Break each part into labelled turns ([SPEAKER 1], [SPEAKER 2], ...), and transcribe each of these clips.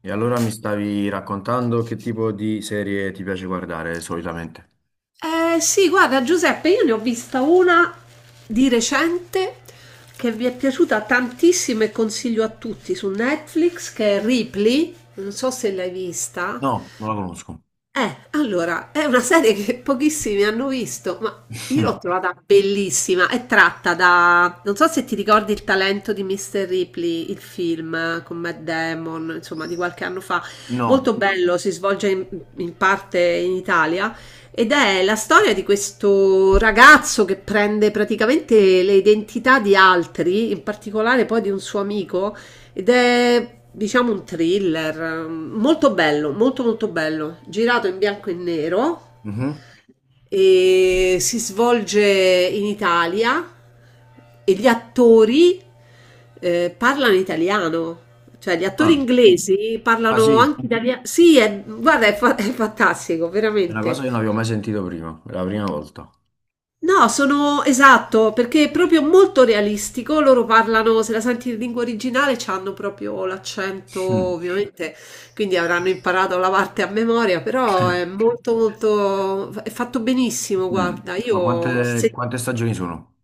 [SPEAKER 1] E allora mi stavi raccontando che tipo di serie ti piace guardare solitamente?
[SPEAKER 2] Eh sì, guarda Giuseppe, io ne ho vista una di recente che vi è piaciuta tantissimo e consiglio a tutti su Netflix, che è Ripley, non so se l'hai vista.
[SPEAKER 1] No, non la conosco.
[SPEAKER 2] Allora, è una serie che pochissimi hanno visto, ma io l'ho trovata bellissima. È tratta da... Non so se ti ricordi il talento di Mr. Ripley, il film con Matt Damon, insomma, di qualche anno fa.
[SPEAKER 1] No.
[SPEAKER 2] Molto bello, si svolge in parte in Italia ed è la storia di questo ragazzo che prende praticamente le identità di altri, in particolare poi di un suo amico ed è, diciamo, un thriller molto bello, molto molto bello, girato in bianco e nero
[SPEAKER 1] Mhm.
[SPEAKER 2] e si svolge in Italia e gli attori parlano italiano. Cioè, gli attori
[SPEAKER 1] Ah.
[SPEAKER 2] inglesi
[SPEAKER 1] Ah,
[SPEAKER 2] parlano
[SPEAKER 1] sì,
[SPEAKER 2] anche italiano. Sì, guarda, è, è fantastico,
[SPEAKER 1] è una cosa
[SPEAKER 2] veramente.
[SPEAKER 1] che non avevo mai sentito prima, è la prima volta.
[SPEAKER 2] No, sono esatto, perché è proprio molto realistico. Loro parlano, se la senti in lingua originale, hanno proprio l'accento,
[SPEAKER 1] Mm.
[SPEAKER 2] ovviamente, quindi avranno imparato la parte a memoria, però è molto molto è fatto benissimo,
[SPEAKER 1] Mm.
[SPEAKER 2] guarda.
[SPEAKER 1] Ma
[SPEAKER 2] Io
[SPEAKER 1] quante,
[SPEAKER 2] se
[SPEAKER 1] quante stagioni sono?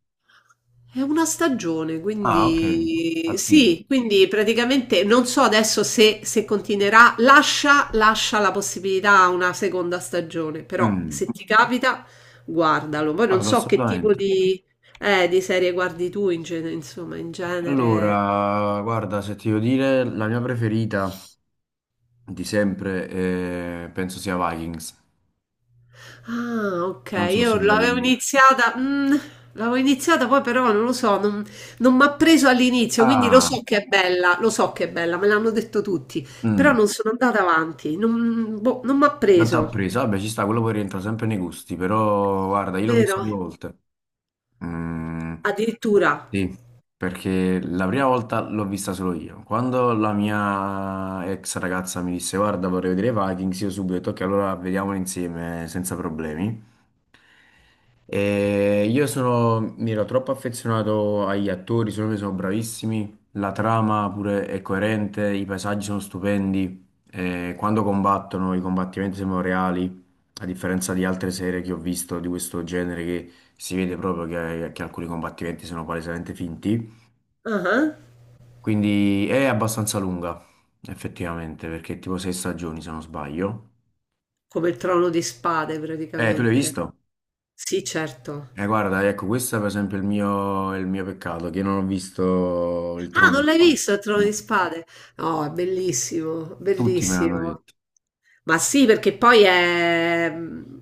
[SPEAKER 2] è una stagione,
[SPEAKER 1] Ah, ok,
[SPEAKER 2] quindi
[SPEAKER 1] attivo.
[SPEAKER 2] sì, quindi praticamente non so adesso se, se continuerà, lascia, lascia la possibilità a una seconda stagione, però
[SPEAKER 1] Mm.
[SPEAKER 2] se ti capita guardalo. Poi non
[SPEAKER 1] Guarda,
[SPEAKER 2] so che tipo
[SPEAKER 1] assolutamente.
[SPEAKER 2] di serie guardi tu in genere, insomma, in genere.
[SPEAKER 1] Allora, guarda, se ti devo dire, la mia preferita di sempre penso sia Vikings.
[SPEAKER 2] Ah, ok,
[SPEAKER 1] Non so
[SPEAKER 2] io
[SPEAKER 1] se l'hai...
[SPEAKER 2] l'avevo iniziata, l'avevo iniziata poi però non lo so, non, non mi ha preso all'inizio, quindi lo
[SPEAKER 1] Ah,
[SPEAKER 2] so che è bella, lo so che è bella, me l'hanno detto tutti, però
[SPEAKER 1] mm.
[SPEAKER 2] non sono andata avanti, non, boh, non mi ha
[SPEAKER 1] Tanta
[SPEAKER 2] preso,
[SPEAKER 1] presa, vabbè, ci sta, quello poi rientra sempre nei gusti, però guarda, io l'ho vista
[SPEAKER 2] vero?
[SPEAKER 1] due volte. Mm,
[SPEAKER 2] Addirittura,
[SPEAKER 1] sì, perché la prima volta l'ho vista solo io. Quando la mia ex ragazza mi disse, guarda, vorrei vedere Vikings, io subito ho detto, ok, allora vediamolo insieme senza problemi. E io sono, mi ero troppo affezionato agli attori, secondo me sono bravissimi, la trama pure è coerente, i paesaggi sono stupendi, e quando combattono i combattimenti sembrano reali, a differenza di altre serie che ho visto di questo genere che si vede proprio che alcuni combattimenti sono palesemente finti.
[SPEAKER 2] ah,
[SPEAKER 1] Quindi è abbastanza lunga, effettivamente, perché è tipo sei stagioni se non sbaglio.
[SPEAKER 2] come il Trono di Spade
[SPEAKER 1] Tu l'hai
[SPEAKER 2] praticamente.
[SPEAKER 1] visto?
[SPEAKER 2] Sì, certo.
[SPEAKER 1] Guarda, ecco, questo è per esempio il mio peccato, che non ho visto il
[SPEAKER 2] Ah,
[SPEAKER 1] Trono di
[SPEAKER 2] non l'hai
[SPEAKER 1] Spade.
[SPEAKER 2] visto il Trono di
[SPEAKER 1] No.
[SPEAKER 2] Spade? No, è bellissimo,
[SPEAKER 1] Tutti me l'hanno
[SPEAKER 2] bellissimo.
[SPEAKER 1] detto.
[SPEAKER 2] Ma sì, perché poi è...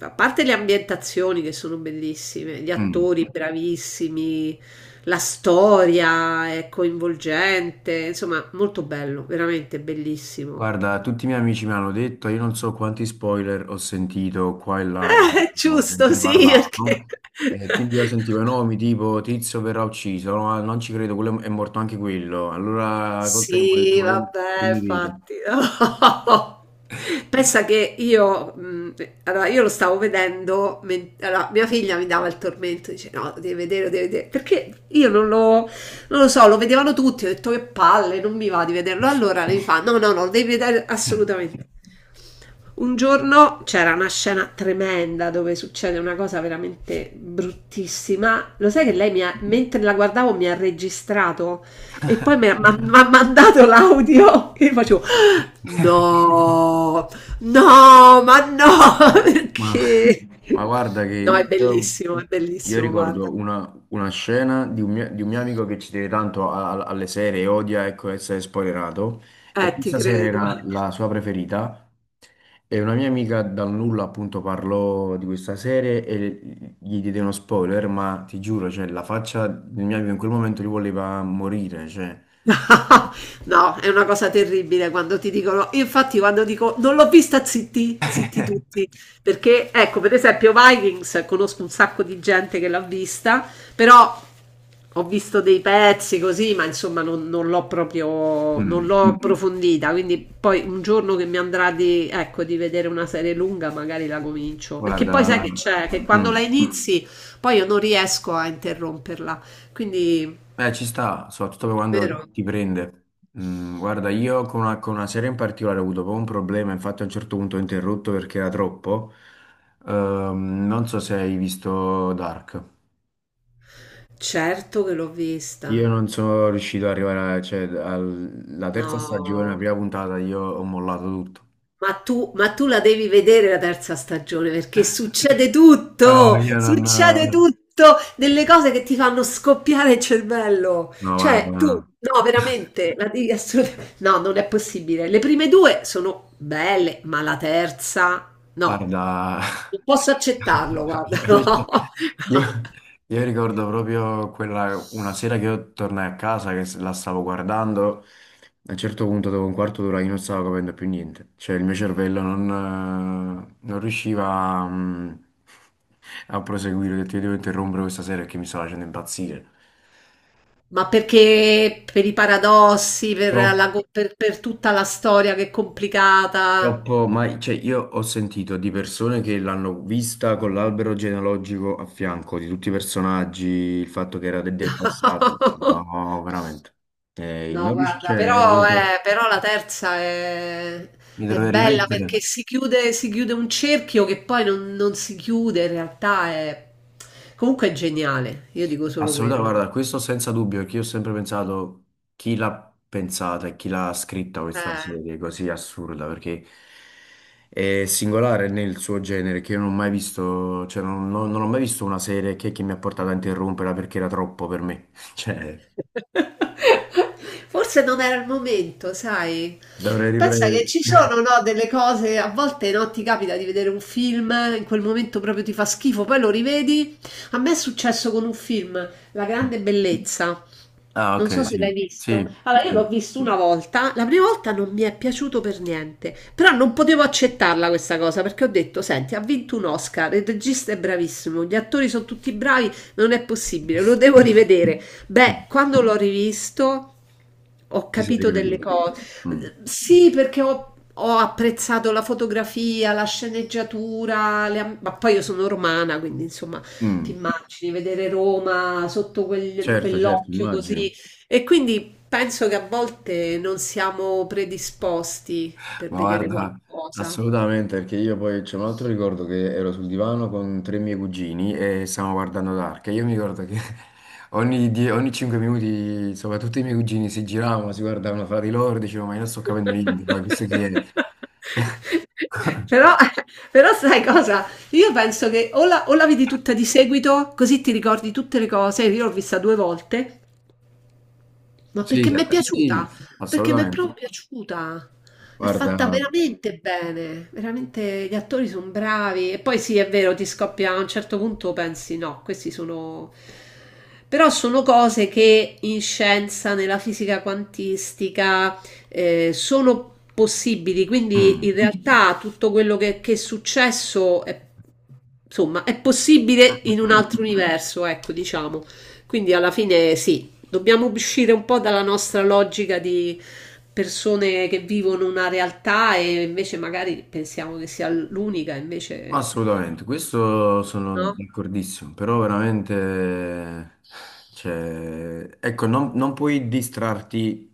[SPEAKER 2] A parte le ambientazioni che sono bellissime, gli
[SPEAKER 1] Mm.
[SPEAKER 2] attori bravissimi, la storia è coinvolgente, insomma, molto bello, veramente bellissimo.
[SPEAKER 1] Guarda, tutti i miei amici mi hanno detto, io non so quanti spoiler ho sentito qua e là, diciamo,
[SPEAKER 2] Giusto,
[SPEAKER 1] mentre
[SPEAKER 2] sì, perché
[SPEAKER 1] parlavo. E quindi io sentivo i nomi tipo Tizio verrà ucciso, no, "Ah, non ci credo, quello è morto anche quello". Allora col tempo ho detto,
[SPEAKER 2] Sì,
[SPEAKER 1] ma io che
[SPEAKER 2] vabbè,
[SPEAKER 1] mi vedo?
[SPEAKER 2] infatti. Pensa che io, allora, io lo stavo vedendo, allora, mia figlia mi dava il tormento, dice no, lo devi vedere, perché io non lo, non lo so, lo vedevano tutti, ho detto che palle, non mi va di vederlo, allora lei fa no, no, no, lo devi vedere
[SPEAKER 1] Eh,
[SPEAKER 2] assolutamente. Un giorno c'era una scena tremenda dove succede una cosa veramente bruttissima, lo sai che lei mi ha, mentre la guardavo mi ha registrato? E poi mi ha mandato l'audio e io facevo no, no, ma no,
[SPEAKER 1] Ma
[SPEAKER 2] perché?
[SPEAKER 1] ma guarda
[SPEAKER 2] No,
[SPEAKER 1] che
[SPEAKER 2] è
[SPEAKER 1] io
[SPEAKER 2] bellissimo, guarda.
[SPEAKER 1] ricordo una scena di un mio amico che ci tiene tanto a- a- alle serie e odia ecco, essere spoilerato e
[SPEAKER 2] Ti
[SPEAKER 1] questa serie
[SPEAKER 2] credo.
[SPEAKER 1] era la sua preferita e una mia amica dal nulla appunto parlò di questa serie e gli diede uno spoiler ma ti giuro cioè, la faccia del mio amico in quel momento gli voleva morire cioè.
[SPEAKER 2] No, è una cosa terribile quando ti dicono infatti quando dico: "Non l'ho vista" zitti, zitti tutti, perché ecco, per esempio Vikings conosco un sacco di gente che l'ha vista, però ho visto dei pezzi così, ma insomma non, non l'ho proprio, non
[SPEAKER 1] Mm,
[SPEAKER 2] l'ho approfondita, quindi poi un giorno che mi andrà di, ecco, di vedere una serie lunga magari la comincio, perché poi
[SPEAKER 1] guarda,
[SPEAKER 2] sai che guarda. C'è, che quando la
[SPEAKER 1] mm.
[SPEAKER 2] inizi poi io non riesco a interromperla, quindi
[SPEAKER 1] Beh, ci sta, soprattutto per quando
[SPEAKER 2] vero?
[SPEAKER 1] ti prende. Mm, guarda, io con una serie in particolare ho avuto proprio un problema, infatti a un certo punto ho interrotto perché era troppo. Non so se hai visto Dark.
[SPEAKER 2] Certo che l'ho vista.
[SPEAKER 1] Io non sono riuscito ad arrivare, a- cioè, al- alla terza stagione, la
[SPEAKER 2] No,
[SPEAKER 1] prima puntata, io ho mollato tutto.
[SPEAKER 2] ma tu la devi vedere la terza stagione perché
[SPEAKER 1] No, io
[SPEAKER 2] succede
[SPEAKER 1] non...
[SPEAKER 2] tutto, delle cose che ti fanno scoppiare il cervello.
[SPEAKER 1] No, guarda.
[SPEAKER 2] Cioè, tu,
[SPEAKER 1] No.
[SPEAKER 2] no, veramente, la devi assolutamente... No, non è possibile. Le prime due sono belle, ma la terza, no,
[SPEAKER 1] Guarda,
[SPEAKER 2] non posso accettarlo, guarda,
[SPEAKER 1] io,
[SPEAKER 2] no. No.
[SPEAKER 1] io io ricordo proprio quella, una sera che io tornai a casa, che la stavo guardando, a un certo punto dopo un quarto d'ora io non stavo capendo più niente, cioè il mio cervello non, non riusciva a proseguire, ho detto io devo interrompere questa sera perché mi stava facendo impazzire.
[SPEAKER 2] Ma perché per i paradossi, per,
[SPEAKER 1] Troppo.
[SPEAKER 2] per tutta la storia che è complicata?
[SPEAKER 1] Troppo, ma cioè, io ho sentito di persone che l'hanno vista con l'albero genealogico a fianco, di tutti i personaggi, il fatto che era de- del passato. No, veramente.
[SPEAKER 2] No,
[SPEAKER 1] Non
[SPEAKER 2] guarda,
[SPEAKER 1] riuscire,
[SPEAKER 2] però, però la terza
[SPEAKER 1] mi
[SPEAKER 2] è
[SPEAKER 1] dovrei
[SPEAKER 2] bella perché
[SPEAKER 1] rimettere.
[SPEAKER 2] si chiude un cerchio che poi non, non si chiude, in realtà è... Comunque è geniale, io dico solo
[SPEAKER 1] Assolutamente,
[SPEAKER 2] quello.
[SPEAKER 1] guarda, questo senza dubbio, che io ho sempre pensato chi l'ha pensata e chi l'ha scritta questa
[SPEAKER 2] Eh,
[SPEAKER 1] serie così assurda, perché è singolare nel suo genere, che io non ho mai visto, cioè non, non- non ho mai visto una serie che mi ha portato a interromperla perché era troppo per me. Cioè,
[SPEAKER 2] forse non era il momento, sai?
[SPEAKER 1] dovrei
[SPEAKER 2] Pensa che
[SPEAKER 1] riprendere...
[SPEAKER 2] ci sono, no, delle cose, a volte no, ti capita di vedere un film, in quel momento proprio ti fa schifo, poi lo rivedi. A me è successo con un film, La grande bellezza.
[SPEAKER 1] Ah,
[SPEAKER 2] Non so
[SPEAKER 1] ok,
[SPEAKER 2] se
[SPEAKER 1] sì,
[SPEAKER 2] l'hai
[SPEAKER 1] sì,
[SPEAKER 2] visto. Allora, io l'ho
[SPEAKER 1] sì.
[SPEAKER 2] visto una volta, la prima volta non mi è piaciuto per niente, però non potevo accettarla questa cosa perché ho detto, senti, ha vinto un Oscar, il regista è bravissimo, gli attori sono tutti bravi, non è possibile, lo devo rivedere. Beh, quando l'ho rivisto ho
[SPEAKER 1] Ti sei
[SPEAKER 2] capito delle
[SPEAKER 1] ricreduto.
[SPEAKER 2] cose.
[SPEAKER 1] Mm.
[SPEAKER 2] Sì, perché ho... Ho apprezzato la fotografia, la sceneggiatura, ma poi io sono romana, quindi insomma ti
[SPEAKER 1] Mm.
[SPEAKER 2] immagini vedere Roma sotto
[SPEAKER 1] Certo, certo,
[SPEAKER 2] quell'occhio
[SPEAKER 1] immagino.
[SPEAKER 2] così e quindi penso che a volte non siamo predisposti per
[SPEAKER 1] Ma
[SPEAKER 2] vedere
[SPEAKER 1] guarda,
[SPEAKER 2] qualcosa.
[SPEAKER 1] assolutamente, perché io poi c'è un altro ricordo che ero sul divano con tre miei cugini e stavamo guardando Dark. E io mi ricordo che ogni, die- ogni cinque minuti, insomma, tutti i miei cugini si giravano, si guardavano fra di loro e dicevano, ma io non sto capendo niente, ma questo chi è?
[SPEAKER 2] Però, però sai cosa? Io penso che o la vedi tutta di seguito, così ti ricordi tutte le cose. Io l'ho vista due volte ma
[SPEAKER 1] Sì,
[SPEAKER 2] perché mi è piaciuta?
[SPEAKER 1] sì,
[SPEAKER 2] Perché mi è
[SPEAKER 1] assolutamente.
[SPEAKER 2] proprio piaciuta. È fatta
[SPEAKER 1] Guarda,
[SPEAKER 2] veramente bene, veramente gli attori sono bravi. E poi sì, è vero, ti scoppia a un certo punto, pensi no, questi sono... Però sono cose che in scienza, nella fisica quantistica, sono possibili.
[SPEAKER 1] mm,
[SPEAKER 2] Quindi
[SPEAKER 1] mm,
[SPEAKER 2] in realtà tutto quello che è successo è, insomma, è possibile
[SPEAKER 1] mm,
[SPEAKER 2] in un
[SPEAKER 1] mm.
[SPEAKER 2] altro universo, ecco, diciamo. Quindi alla fine sì, dobbiamo uscire un po' dalla nostra logica di persone che vivono una realtà e invece magari pensiamo che sia l'unica,
[SPEAKER 1] Ma
[SPEAKER 2] invece
[SPEAKER 1] assolutamente, questo sono
[SPEAKER 2] no.
[SPEAKER 1] d'accordissimo, però veramente, cioè, ecco, non, non puoi distrarti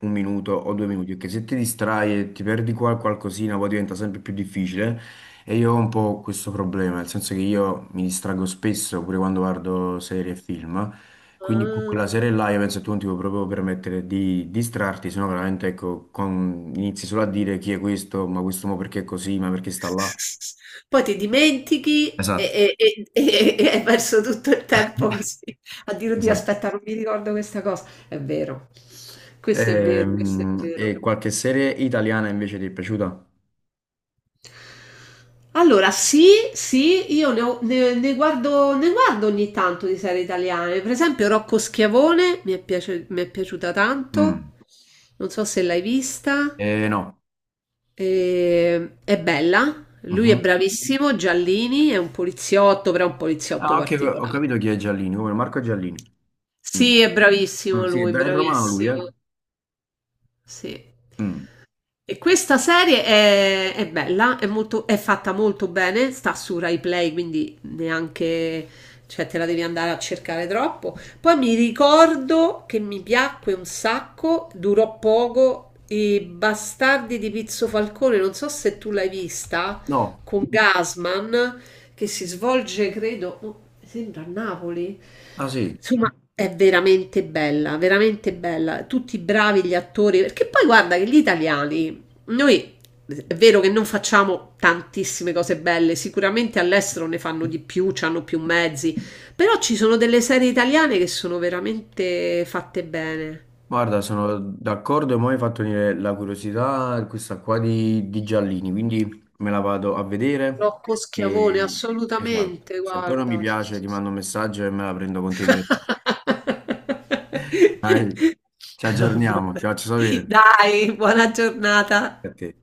[SPEAKER 1] un minuto o due minuti, perché se ti distrai e ti perdi qua qualcosina, poi diventa sempre più difficile. E io ho un po' questo problema, nel senso che io mi distraggo spesso, pure quando guardo serie e film, quindi con
[SPEAKER 2] Ah.
[SPEAKER 1] quella serie là io penso che tu non ti puoi proprio permettere di distrarti, sennò veramente, ecco, con- inizi solo a dire chi è questo, ma questo mo perché è così, ma perché sta là.
[SPEAKER 2] Poi ti dimentichi
[SPEAKER 1] Esatto.
[SPEAKER 2] e hai perso tutto il tempo così a dire, oddio,
[SPEAKER 1] Esatto.
[SPEAKER 2] aspetta, non mi ricordo questa cosa. È vero, questo è vero, questo è vero.
[SPEAKER 1] E, qualche serie italiana invece ti è piaciuta?
[SPEAKER 2] Allora, sì, sì, ne guardo ogni tanto di serie italiane. Per esempio, Rocco Schiavone mi è piaciuta tanto.
[SPEAKER 1] Mm.
[SPEAKER 2] Non so se l'hai vista.
[SPEAKER 1] No.
[SPEAKER 2] È bella. Lui è
[SPEAKER 1] Mhm.
[SPEAKER 2] bravissimo. Giallini è un poliziotto, però è un poliziotto
[SPEAKER 1] Ah, ok, ho
[SPEAKER 2] particolare.
[SPEAKER 1] capito chi è Giallini, come Marco Giallini. Mm.
[SPEAKER 2] Sì, è
[SPEAKER 1] Mm,
[SPEAKER 2] bravissimo
[SPEAKER 1] sì, è
[SPEAKER 2] lui,
[SPEAKER 1] bel romano lui, eh?
[SPEAKER 2] bravissimo. Sì.
[SPEAKER 1] Mm.
[SPEAKER 2] E questa serie è bella, è molto, è fatta molto bene, sta su Rai Play, quindi neanche, cioè te la devi andare a cercare troppo. Poi mi ricordo che mi piacque un sacco, durò poco, i Bastardi di Pizzo Falcone, non so se tu l'hai vista,
[SPEAKER 1] No,
[SPEAKER 2] con Gasman, che si svolge, credo, oh, sembra a Napoli.
[SPEAKER 1] ah sì,
[SPEAKER 2] Insomma, è veramente bella, veramente bella. Tutti bravi gli attori, perché poi guarda che gli italiani noi è vero che non facciamo tantissime cose belle, sicuramente all'estero ne fanno di più, hanno più mezzi, però ci sono delle serie italiane che sono veramente fatte bene.
[SPEAKER 1] guarda, sono d'accordo e mo' mi hai fatto venire la curiosità questa qua di Giallini, quindi me la vado a vedere
[SPEAKER 2] Rocco Schiavone,
[SPEAKER 1] e... Esatto,
[SPEAKER 2] assolutamente,
[SPEAKER 1] se poi non mi
[SPEAKER 2] guarda, sì,
[SPEAKER 1] piace
[SPEAKER 2] sì,
[SPEAKER 1] ti
[SPEAKER 2] sì.
[SPEAKER 1] mando un messaggio e me la prendo con te direttamente. Dai, ci aggiorniamo,
[SPEAKER 2] Vabbè.
[SPEAKER 1] ti faccio sapere.
[SPEAKER 2] Dai, buona giornata.
[SPEAKER 1] A te.